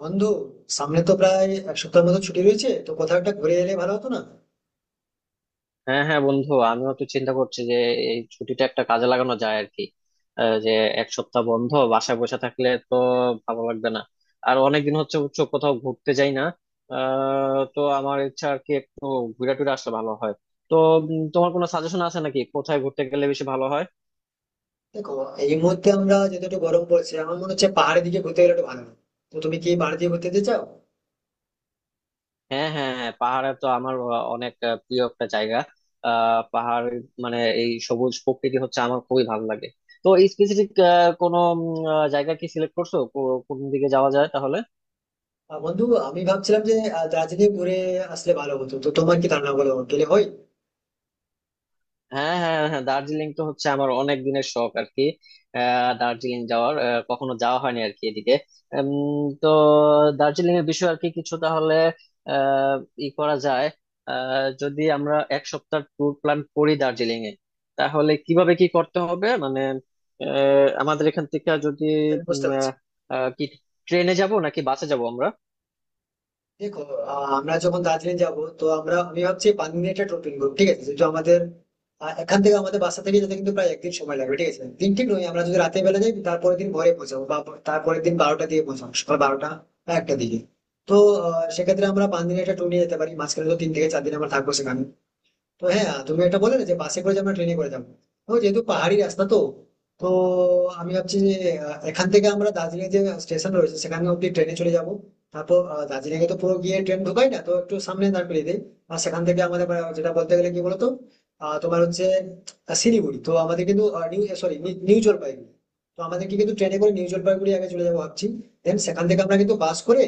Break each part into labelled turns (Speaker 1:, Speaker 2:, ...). Speaker 1: বন্ধু, সামনে তো প্রায় এক সপ্তাহের মতো ছুটি রয়েছে, তো কোথাও একটা ঘুরে এলে ভালো হতো না?
Speaker 2: হ্যাঁ হ্যাঁ বন্ধু, আমিও তো চিন্তা করছি যে এই ছুটিটা একটা কাজে লাগানো যায় আর কি। যে এক সপ্তাহ বন্ধ বাসায় বসে থাকলে তো ভালো লাগবে না। আর অনেকদিন হচ্ছে উচ্চ কোথাও ঘুরতে যাই না। তো আমার ইচ্ছা আর কি একটু ঘুরে টুরে আসলে ভালো হয়। তো তোমার কোনো সাজেশন আছে নাকি কোথায় ঘুরতে গেলে বেশি ভালো হয়?
Speaker 1: দেখো, এই মুহূর্তে আমরা যেহেতু একটু গরম পড়ছে, আমার মনে হচ্ছে পাহাড়ের দিকে ঘুরতে গেলে একটু ভালো হয়। তো তুমি কি পাহাড়ের দিকে ঘুরতে যেতে চাও?
Speaker 2: হ্যাঁ হ্যাঁ হ্যাঁ, পাহাড়ে তো আমার অনেক প্রিয় একটা জায়গা। পাহাড় মানে এই সবুজ প্রকৃতি হচ্ছে আমার খুবই ভালো লাগে। তো স্পেসিফিক কোনো জায়গা কি সিলেক্ট করছো, কোন দিকে যাওয়া যায় তাহলে?
Speaker 1: বন্ধু, আমি ভাবছিলাম যে দার্জিলিং ঘুরে আসলে ভালো হতো, তো তোমার কি ধারণা, বলো গেলে হয়?
Speaker 2: হ্যাঁ হ্যাঁ হ্যাঁ, দার্জিলিং তো হচ্ছে আমার অনেক দিনের শখ আর কি। দার্জিলিং যাওয়ার কখনো যাওয়া হয়নি আর কি এদিকে। তো দার্জিলিং এর বিষয়ে আর কি কিছু তাহলে আহ, ই করা যায়। যদি আমরা এক সপ্তাহ ট্যুর প্ল্যান করি দার্জিলিং এ, তাহলে কিভাবে কি করতে হবে মানে আমাদের এখান থেকে যদি
Speaker 1: হ্যাঁ,
Speaker 2: উম,
Speaker 1: বুঝতে পারছি।
Speaker 2: আহ, কি ট্রেনে যাব নাকি বাসে যাব আমরা?
Speaker 1: দেখো, আমরা যখন দার্জিলিং যাব, তো আমি ভাবছি পানজির একটা টোটো নিবো, ঠিক আছে? যেহেতু আমাদের এখান থেকে আমাদের বাসা থেকে যেতে কিন্তু প্রায় একদিন সময় লাগবে, ঠিক আছে? দিন ঠিক নয়, আমরা যদি রাতে বেলা যাই, তারপরের দিন ভোরে পৌঁছাবো, বা তারপরের দিন বারোটা দিয়ে পৌঁছাবো, সকাল বারোটা বা একটা দিকে। তো সেক্ষেত্রে আমরা পাঁচ দিনের একটা ট্যুর নিয়ে যেতে পারি, মাঝখানে তো তিন থেকে চার দিন আমরা থাকবো সেখানে। তো হ্যাঁ, তুমি এটা বলে না যে বাসে করে যে আমরা ট্রেনে করে যাবো, তো যেহেতু পাহাড়ি রাস্তা, তো তো আমি ভাবছি যে এখান থেকে আমরা দার্জিলিং যে স্টেশন রয়েছে সেখানে অব্দি ট্রেনে চলে যাব। তারপর দার্জিলিং এ তো পুরো গিয়ে ট্রেন ঢোকাই না, তো একটু সামনে দাঁড় করিয়ে দেয়। আর সেখান থেকে আমাদের যেটা বলতে গেলে কি বলতো, তোমার হচ্ছে শিলিগুড়ি, তো আমাদের কিন্তু নিউ সরি, নিউ জলপাইগুড়ি। তো আমাদেরকে কিন্তু ট্রেনে করে নিউ জলপাইগুড়ি আগে চলে যাবো ভাবছি। দেন সেখান থেকে আমরা কিন্তু বাস করে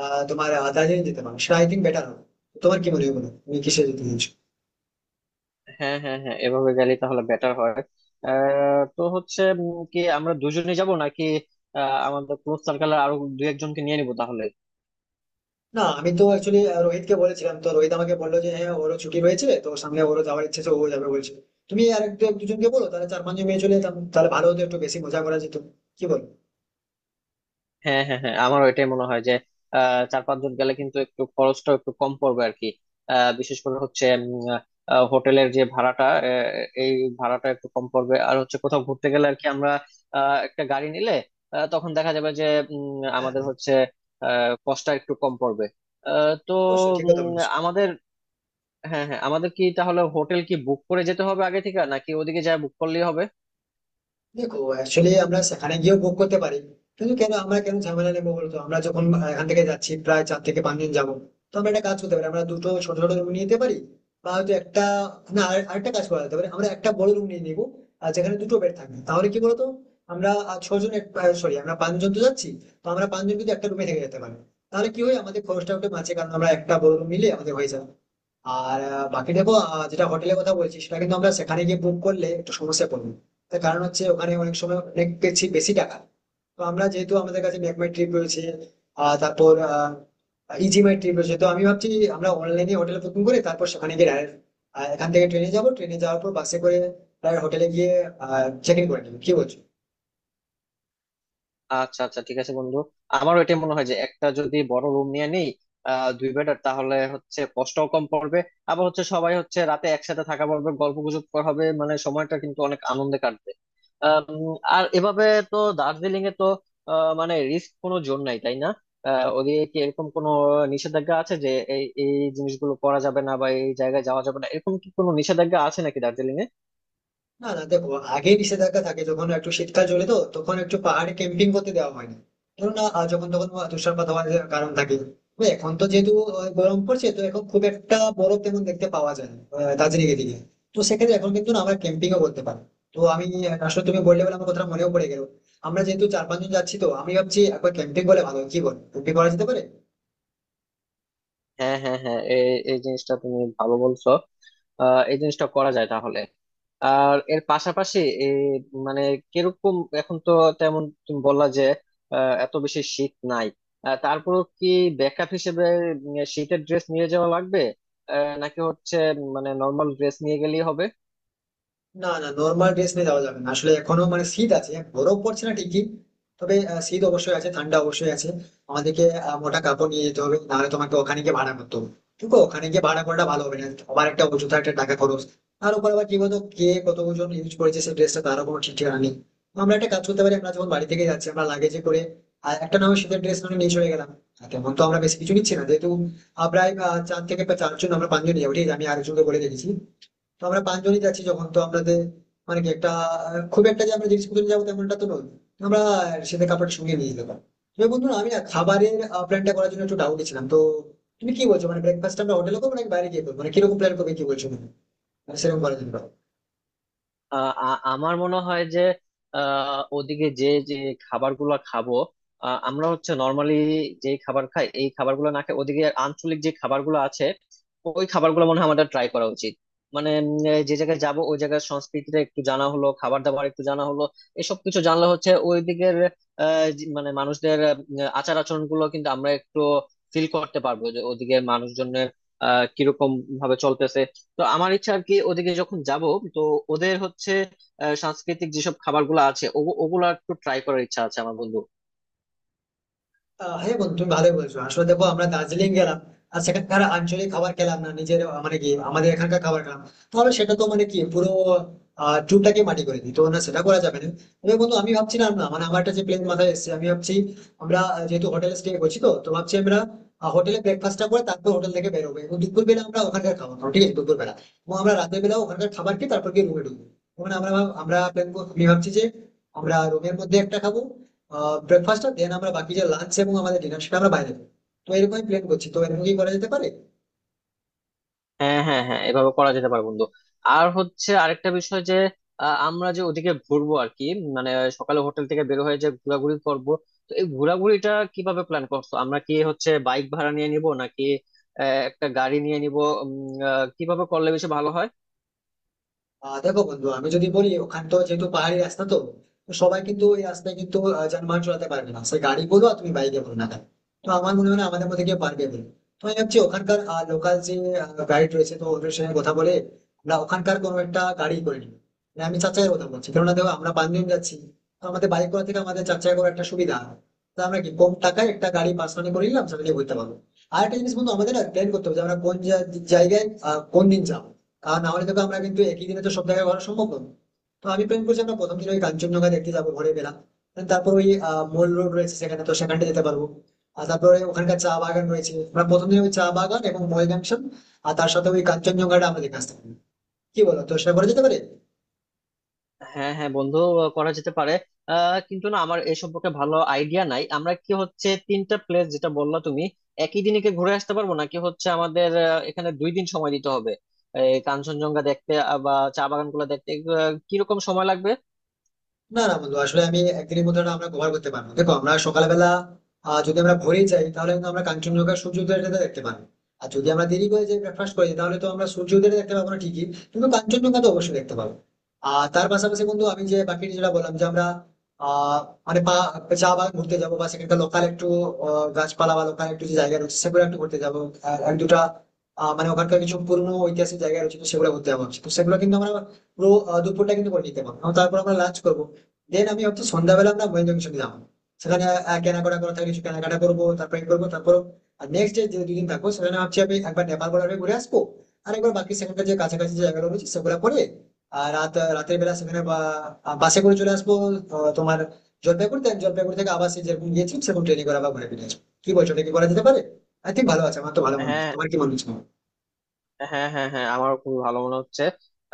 Speaker 1: তোমার দার্জিলিং যেতে পারবো, সেটা আই থিঙ্ক বেটার হবে। তোমার কি মনে হয়, বলো? তুমি কিসে যেতে চাইছো?
Speaker 2: হ্যাঁ হ্যাঁ হ্যাঁ, এভাবে গেলে তাহলে বেটার হয়। তো হচ্ছে কি আমরা দুজনে যাব নাকি আমাদের ক্লোজ সার্কেলে আরো দু একজনকে নিয়ে নিবো তাহলে?
Speaker 1: না, আমি তো অ্যাকচুয়ালি রোহিতকে বলেছিলাম, তো রোহিত আমাকে বললো যে হ্যাঁ, ওরও ছুটি হয়েছে, তো সামনে ওরও যাওয়ার ইচ্ছে, তো ও যাবে বলছে। তুমি আর এক দুজনকে বলো, তাহলে চার পাঁচজন মেয়ে চলে যেতাম, তাহলে ভালো হতো, একটু বেশি মজা করা যেত। কি বল?
Speaker 2: হ্যাঁ হ্যাঁ হ্যাঁ, আমারও এটাই মনে হয় যে চার পাঁচজন গেলে কিন্তু একটু খরচটা একটু কম পড়বে আর কি। বিশেষ করে হচ্ছে হোটেলের যে ভাড়াটা এই ভাড়াটা একটু কম পড়বে। আর হচ্ছে কোথাও ঘুরতে গেলে আর কি আমরা একটা গাড়ি নিলে তখন দেখা যাবে যে
Speaker 1: হ্যাঁ,
Speaker 2: আমাদের হচ্ছে কষ্টটা একটু কম পড়বে। তো
Speaker 1: অবশ্যই ঠিক কথা
Speaker 2: উম,
Speaker 1: বলেছো।
Speaker 2: আমাদের হ্যাঁ হ্যাঁ, আমাদের কি তাহলে হোটেল কি বুক করে যেতে হবে আগে থেকে নাকি ওদিকে যা বুক করলেই হবে?
Speaker 1: দেখো, অ্যাকচুয়ালি আমরা সেখানে গিয়েও বুক করতে পারি, কিন্তু কেন আমরা কেন ঝামেলা নেবো বলতো? আমরা যখন এখান থেকে যাচ্ছি প্রায় চার থেকে পাঁচ দিন যাবো, তো আমরা একটা কাজ করতে পারি, আমরা দুটো ছোট ছোট রুম নিয়ে নিতে পারি, বা হয়তো একটা, আরেকটা কাজ করা যেতে পারে, আমরা একটা বড় রুম নিয়ে নিবো আর যেখানে দুটো বেড থাকবে। তাহলে কি বলতো, আমরা ছজন সরি, আমরা পাঁচজন তো যাচ্ছি, তো আমরা পাঁচজন কিন্তু একটা রুমে থেকে যেতে পারি। তাহলে কি হয়, আমাদের খরচটা একটু বাঁচে, কারণ আমরা একটা বড় রুম নিলে আমাদের হয়ে যাবে। আর বাকি দেখো, যেটা হোটেলের কথা বলছি সেটা কিন্তু আমরা সেখানে গিয়ে বুক করলে একটু সমস্যা পড়বে। তার কারণ হচ্ছে ওখানে অনেক সময় অনেক বেশি বেশি টাকা। তো আমরা যেহেতু আমাদের কাছে মেকমাই ট্রিপ রয়েছে, তারপর ইজিমাই ট্রিপ রয়েছে, তো আমি ভাবছি আমরা অনলাইনে হোটেল বুকিং করে তারপর সেখানে গিয়ে direct, এখান থেকে ট্রেনে যাব, ট্রেনে যাওয়ার পর বাসে করে হোটেলে গিয়ে চেক ইন করে নেবো। কি বলছো?
Speaker 2: আচ্ছা আচ্ছা ঠিক আছে বন্ধু, আমারও এটা মনে হয় যে একটা যদি বড় রুম নিয়ে নেই দুই বেডার, তাহলে হচ্ছে কষ্টও কম পড়বে। আবার হচ্ছে সবাই হচ্ছে রাতে একসাথে থাকা পড়বে, গল্প গুজব করা হবে, মানে সময়টা কিন্তু অনেক আনন্দে কাটবে। আম, আর এভাবে তো দার্জিলিং এ তো মানে রিস্ক কোনো জোন নাই তাই না? ওদিকে কি এরকম কোনো নিষেধাজ্ঞা আছে যে এই এই জিনিসগুলো করা যাবে না বা এই জায়গায় যাওয়া যাবে না, এরকম কি কোনো নিষেধাজ্ঞা আছে নাকি দার্জিলিং এ?
Speaker 1: না না, দেখো, আগে নিষেধাজ্ঞা থাকে যখন একটু শীতকাল চলে, তো তখন একটু পাহাড়ে ক্যাম্পিং করতে দেওয়া হয় না। ধরো না, যখন তখন তুষারপাত হওয়ার কারণ থাকে। তবে এখন তো যেহেতু গরম পড়ছে, তো এখন খুব একটা বরফ তেমন দেখতে পাওয়া যায় না দার্জিলিং এর দিকে। তো সেক্ষেত্রে এখন কিন্তু না আমরা ক্যাম্পিংও করতে পারি। তো আমি আসলে তুমি বললে বলে আমার কথা মনেও পড়ে গেল। আমরা যেহেতু চার পাঁচজন যাচ্ছি, তো আমি ভাবছি একবার ক্যাম্পিং বলে ভালো হয়। কি বল, ক্যাম্পিং করা যেতে পারে?
Speaker 2: হ্যাঁ হ্যাঁ হ্যাঁ, এই এই জিনিসটা তুমি ভালো বলছো। এই জিনিসটা করা যায় তাহলে। আর এর পাশাপাশি এই মানে কিরকম এখন তো তেমন তুমি বললা যে এত বেশি শীত নাই, তারপরেও কি ব্যাকআপ হিসেবে শীতের ড্রেস নিয়ে যাওয়া লাগবে নাকি হচ্ছে মানে নর্মাল ড্রেস নিয়ে গেলেই হবে?
Speaker 1: না না, নর্মাল ড্রেস নিয়ে যাওয়া যাবে না, আসলে এখনো মানে শীত আছে, বরফ পড়ছে না ঠিকই, তবে শীত অবশ্যই আছে, ঠান্ডা অবশ্যই আছে। আমাদেরকে মোটা কাপড় নিয়ে যেতে হবে, নাহলে তোমাকে ওখানে গিয়ে ভাড়া করতে হবে। দেখো, ওখানে গিয়ে ভাড়া করাটা ভালো হবে না, আবার একটা অযথা একটা টাকা খরচ। তার উপর আবার কি বলতো, কে কত ওজন ইউজ করেছে সেই ড্রেসটা, তারও কোনো ঠিক ঠিকানা নেই। তো আমরা একটা কাজ করতে পারি, আমরা যখন বাড়ি থেকে যাচ্ছি আমরা লাগেজে করে আর একটা না হয় শীতের ড্রেস নিয়ে চলে গেলাম। আর তেমন তো আমরা বেশি কিছু নিচ্ছি না, যেহেতু প্রায় চারজন, আমরা পাঁচজন যাবো, ঠিক আছে? আমি আরেকজনকে বলে রেখেছি। তো আমরা পাঁচজনই যাচ্ছি যখন, তো আমাদের মানে কি একটা খুব একটা যে আমরা জিনিসপত্র নিয়ে যাবো তেমনটা তো নয়। আমরা সেটা কাপড় সঙ্গে নিয়ে যেতে পারি। তবে বন্ধু, আমি না খাবারের প্ল্যানটা করার জন্য একটু ডাউটে ছিলাম, তো তুমি কি বলছো, মানে ব্রেকফাস্ট আমরা হোটেলে করবো নাকি বাইরে গিয়ে করবো, মানে কিরকম প্ল্যান করবে, কি বলছো তুমি? মানে সেরকম করার জন্য।
Speaker 2: আহ আমার মনে হয় যে ওদিকে যে যে খাবারগুলো খাবো আমরা হচ্ছে নর্মালি যে খাবার খাই এই খাবারগুলো না খাই, ওদিকে আঞ্চলিক যে খাবারগুলো আছে ওই খাবারগুলো মনে হয় আমাদের ট্রাই করা উচিত। মানে যে জায়গায় যাব ওই জায়গার সংস্কৃতিটা একটু জানা হলো, খাবার দাবার একটু জানা হলো, এসব কিছু জানলে হচ্ছে ওই দিকের মানে মানুষদের আচার আচরণ গুলো কিন্তু আমরা একটু ফিল করতে পারবো যে ওদিকে মানুষজনের কিরকম ভাবে চলতেছে। তো আমার ইচ্ছা আর কি ওদিকে যখন যাব, তো ওদের হচ্ছে সাংস্কৃতিক যেসব খাবার গুলো আছে ওগুলো একটু ট্রাই করার ইচ্ছা আছে আমার বন্ধু।
Speaker 1: হ্যাঁ বন্ধু, তুমি ভালোই বলছো, আসলে দেখো আমরা দার্জিলিং গেলাম আর সেখানকার আঞ্চলিক খাবার খেলাম না, নিজের মানে কি আমাদের এখানকার খাবার খেলাম, তাহলে সেটা তো মানে কি পুরো ট্যুরটাকে মাটি করে দিই, তো না সেটা করা যাবে না। তবে বন্ধু, আমি ভাবছিলাম না, মানে আমার একটা যে প্ল্যান মাথায় এসেছে, আমি ভাবছি আমরা যেহেতু হোটেলে স্টে করছি, তো তো ভাবছি আমরা হোটেলে ব্রেকফাস্টটা করে তারপর হোটেল থেকে বেরোবো, এবং দুপুর বেলা আমরা ওখানকার খাবার খাবো, ঠিক আছে? দুপুর বেলা, এবং আমরা রাতের বেলা ওখানকার খাবার খেয়ে তারপর গিয়ে রুমে ঢুকবো। মানে আমরা প্ল্যান, আমি ভাবছি যে আমরা রুমের মধ্যে একটা খাবো ব্রেকফাস্টটা, দেন আমরা বাকি যে লাঞ্চ এবং আমাদের ডিনার, সেটা আমরা বাইরে দেবো। তো এরকমই প্ল্যান করছি, তো এরকম কি করা যেতে পারে?
Speaker 2: হ্যাঁ হ্যাঁ হ্যাঁ, এভাবে করা যেতে পারে বন্ধু। আর হচ্ছে আরেকটা বিষয় যে আমরা যে ওদিকে ঘুরবো আর কি মানে সকালে হোটেল থেকে বের হয়ে যে ঘোরাঘুরি করব, তো এই ঘোরাঘুরিটা কিভাবে প্ল্যান করছো? আমরা কি হচ্ছে বাইক ভাড়া নিয়ে নিব নাকি একটা গাড়ি নিয়ে নিব? উম, কিভাবে করলে বেশি ভালো হয়?
Speaker 1: দেখো বন্ধু, আমি যদি বলি, ওখানে তো যেহেতু পাহাড়ি রাস্তা, তো তো সবাই কিন্তু ওই রাস্তায় কিন্তু যানবাহন চালাতে পারবে না, সে গাড়ি বলো আর তুমি বাইকে বলো না কেন। তো আমার মনে হয় না আমাদের মধ্যে কেউ পারবে বলে। তো আমি ভাবছি ওখানকার লোকাল যে গাইড রয়েছে, তো ওদের সঙ্গে কথা বলে আমরা ওখানকার কোনো একটা গাড়ি করে নিই। মানে আমি চার চাকার কথা বলছি, কেননা দেখো আমরা পাঁচজন যাচ্ছি, তো আমাদের বাইক করা থেকে আমাদের চার চাকা করার একটা সুবিধা হয়। তা আমরা কি কম টাকায় একটা গাড়ি পার্সোনালি করে নিলাম, সেটা নিয়ে ঘুরতে পারবো। আর একটা জিনিস বন্ধু, আমাদের না প্ল্যান করতে হবে যে আমরা জায়গায় কোন দিন যাবো। আর না হলে দেখো আমরা কিন্তু একই দিনে তো সব জায়গায় ঘোরা সম্ভব নয়। তো আমি প্ল্যান করছি আমরা প্রথম দিন ওই কাঞ্চনজঙ্ঘা দেখতে যাবো ভোরে বেলা। And তারপর ওই মল রোড রয়েছে সেখানে, তো সেখানটা যেতে পারবো। আর তারপরে ওখানকার চা বাগান রয়েছে, আমরা প্রথম দিন ওই চা বাগান এবং মল জাংশন আর তার সাথে ওই কাঞ্চনজঙ্ঘাটা আমরা দেখে আসতে পারি। কি বলো, তো সে করা যেতে পারে?
Speaker 2: হ্যাঁ হ্যাঁ বন্ধু, করা যেতে পারে। কিন্তু না আমার এ সম্পর্কে ভালো আইডিয়া নাই, আমরা কি হচ্ছে তিনটা প্লেস যেটা বললা তুমি একই দিনে কি ঘুরে আসতে পারবো নাকি হচ্ছে আমাদের এখানে দুই দিন সময় দিতে হবে এই কাঞ্চনজঙ্ঘা দেখতে বা চা বাগানগুলো দেখতে? এগুলো কিরকম সময় লাগবে?
Speaker 1: না না বন্ধু, আসলে আমি একদিনের মধ্যে ওটা আমরা কভার করতে পারবো। দেখো আমরা সকালবেলা, যদি আমরা ভোরেই যাই তাহলে কিন্তু আমরা কাঞ্চনজঙ্ঘা সূর্য উদয়টা দেখতে পারবো। আর যদি আমরা দেরি করে যাই, ব্রেকফাস্ট করে যাই, তাহলে তো আমরা সূর্য উদয়টা দেখতে পাবো না ঠিকই, কিন্তু কাঞ্চনজঙ্ঘা তো অবশ্যই দেখতে পাবো। আর তার পাশাপাশি বন্ধু, আমি যে বাকিটা যেটা বললাম যে আমরা আহ মানে পা- চা বাগান ঘুরতে যাবো বা সেখানকার লোকাল একটু গাছপালা বা লোকাল একটু যে জায়গা রয়েছে সেগুলো একটু ঘুরতে যাবো। আর এক দুটা মানে ওখানকার কিছু পুরনো ঐতিহাসিক জায়গা রয়েছে, তো সেগুলো ঘুরতে যাবো ভাবছি। তো সেগুলো কিন্তু আমরা পুরো দুপুরটা কিন্তু করে নিতে পারবো, এবং তারপর আমরা লাঞ্চ করবো। দেন আমি হচ্ছে সন্ধ্যাবেলা আমরা মহেন্দ্র কিছু দিলাম সেখানে, কেনাকাটা করা থাকে, কিছু কেনাকাটা করবো, তারপরে ই করবো, তারপর নেক্সট ডে যে দুদিন থাকবো সেখানে ভাবছি আমি একবার নেপাল বর্ডার ঘুরে আসবো। আর একবার বাকি সেখানকার যে কাছাকাছি যে জায়গাগুলো রয়েছে সেগুলো করে আর রাতের বেলা সেখানে বাসে করে চলে আসবো। তোমার জলপাইগুড়ি থেকে আবার সেই যেরকম গিয়েছি সেরকম ট্রেনে করে আবার ঘুরে ফিরে আসবো। কি বলছো, এটা কি করা যেতে পারে? আই থিঙ্ক ভালো আছে, আমার তো ভালো মনে হচ্ছে,
Speaker 2: হ্যাঁ
Speaker 1: তোমার কি মনে হচ্ছে?
Speaker 2: হ্যাঁ হ্যাঁ হ্যাঁ, আমারও খুবই ভালো মনে হচ্ছে।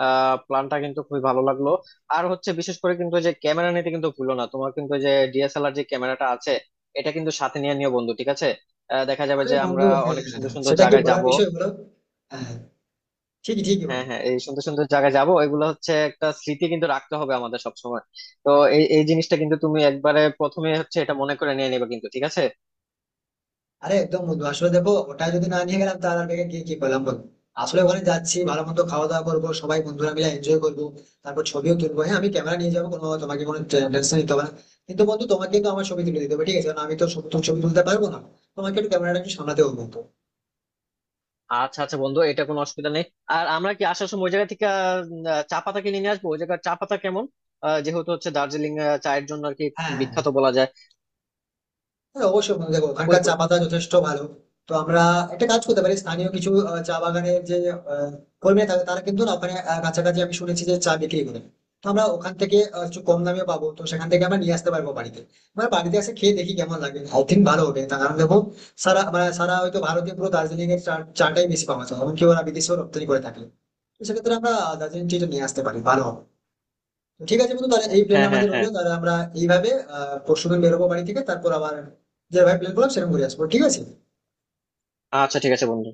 Speaker 2: প্ল্যানটা কিন্তু খুবই ভালো লাগলো। আর হচ্ছে বিশেষ করে কিন্তু যে ক্যামেরা নিতে কিন্তু ভুলো না, তোমার কিন্তু যে ডিএসএলআর যে ক্যামেরাটা আছে এটা কিন্তু সাথে নিয়ে নিও বন্ধু, ঠিক আছে? দেখা যাবে
Speaker 1: আরে
Speaker 2: যে
Speaker 1: বন্ধু
Speaker 2: আমরা
Speaker 1: হ্যাঁ,
Speaker 2: অনেক সুন্দর সুন্দর
Speaker 1: সেটা কি
Speaker 2: জায়গায়
Speaker 1: বলার
Speaker 2: যাব।
Speaker 1: বিষয় হলো? হ্যাঁ, ঠিকই ঠিকই
Speaker 2: হ্যাঁ
Speaker 1: বন্ধু।
Speaker 2: হ্যাঁ, এই সুন্দর সুন্দর জায়গায় যাব, এগুলো হচ্ছে একটা স্মৃতি কিন্তু রাখতে হবে আমাদের সবসময়। তো এই এই জিনিসটা কিন্তু তুমি একবারে প্রথমে হচ্ছে এটা মনে করে নিয়ে নেবে কিন্তু, ঠিক আছে?
Speaker 1: আরে একদম বন্ধু, আসলে দেখো ওটা যদি না নিয়ে গেলাম তাহলে আর ব্যাগে গিয়ে কি করলাম বলো। আসলে ওখানে যাচ্ছি, ভালো মন্দ খাওয়া দাওয়া করবো, সবাই বন্ধুরা মিলে এনজয় করবো, তারপর ছবিও তুলবো। হ্যাঁ, আমি ক্যামেরা নিয়ে যাবো, কোনো তোমাকে কোনো টেনশন নিতে হবে না। কিন্তু বন্ধু, তোমাকে কিন্তু আমার ছবি তুলে দিতে হবে, ঠিক আছে? কারণ আমি তো তোমার ছবি তুলতে পারবো না, তোমাকে একটু ক্যামেরাটা একটু সামলাতে হবে বন্ধু।
Speaker 2: আচ্ছা আচ্ছা বন্ধু, এটা কোনো অসুবিধা নেই। আর আমরা কি আসার সময় ওই জায়গা থেকে চা পাতা কিনে নিয়ে আসবো? ওই জায়গার চা পাতা কেমন, যেহেতু হচ্ছে দার্জিলিং চায়ের জন্য আর কি
Speaker 1: হ্যাঁ
Speaker 2: বিখ্যাত বলা যায়।
Speaker 1: হ্যাঁ অবশ্যই বন্ধু, দেখো
Speaker 2: ওই
Speaker 1: ওখানকার চা
Speaker 2: ওই-
Speaker 1: পাতা যথেষ্ট ভালো। তো আমরা একটা কাজ করতে পারি, স্থানীয় কিছু চা বাগানের যে আহ, কর্মীরা থাকে তারা কিন্তু না ওখানে কাছাকাছি আমি শুনেছি যে চা বিক্রি করে। তো আমরা ওখান থেকে একটু কম দামে পাবো, তো সেখান থেকে আমরা নিয়ে আসতে পারবো বাড়িতে। মানে বাড়িতে এসে খেয়ে দেখি কেমন লাগে, আই থিঙ্ক ভালো হবে। তার কারণ দেখো, সারা হয়তো ভারতীয় পুরো দার্জিলিং এর চা চাটাই বেশি পাওয়া যায়, এমনকি ওরা বিদেশেও রপ্তানি করে থাকে। তো সেক্ষেত্রে আমরা দার্জিলিং টিটা নিয়ে আসতে পারি, ভালো হবে। তো ঠিক আছে বন্ধু, তাহলে এই প্ল্যান
Speaker 2: হ্যাঁ হ্যাঁ
Speaker 1: আমাদের
Speaker 2: হ্যাঁ,
Speaker 1: রইলো, তাহলে আমরা এইভাবে পরশুদিন বেরোবো বাড়ি থেকে, তারপর আবার যেভাবে প্ল্যান করলাম সেরকম ঘুরে আসবো, ঠিক আছে?
Speaker 2: আচ্ছা ঠিক আছে বন্ধু।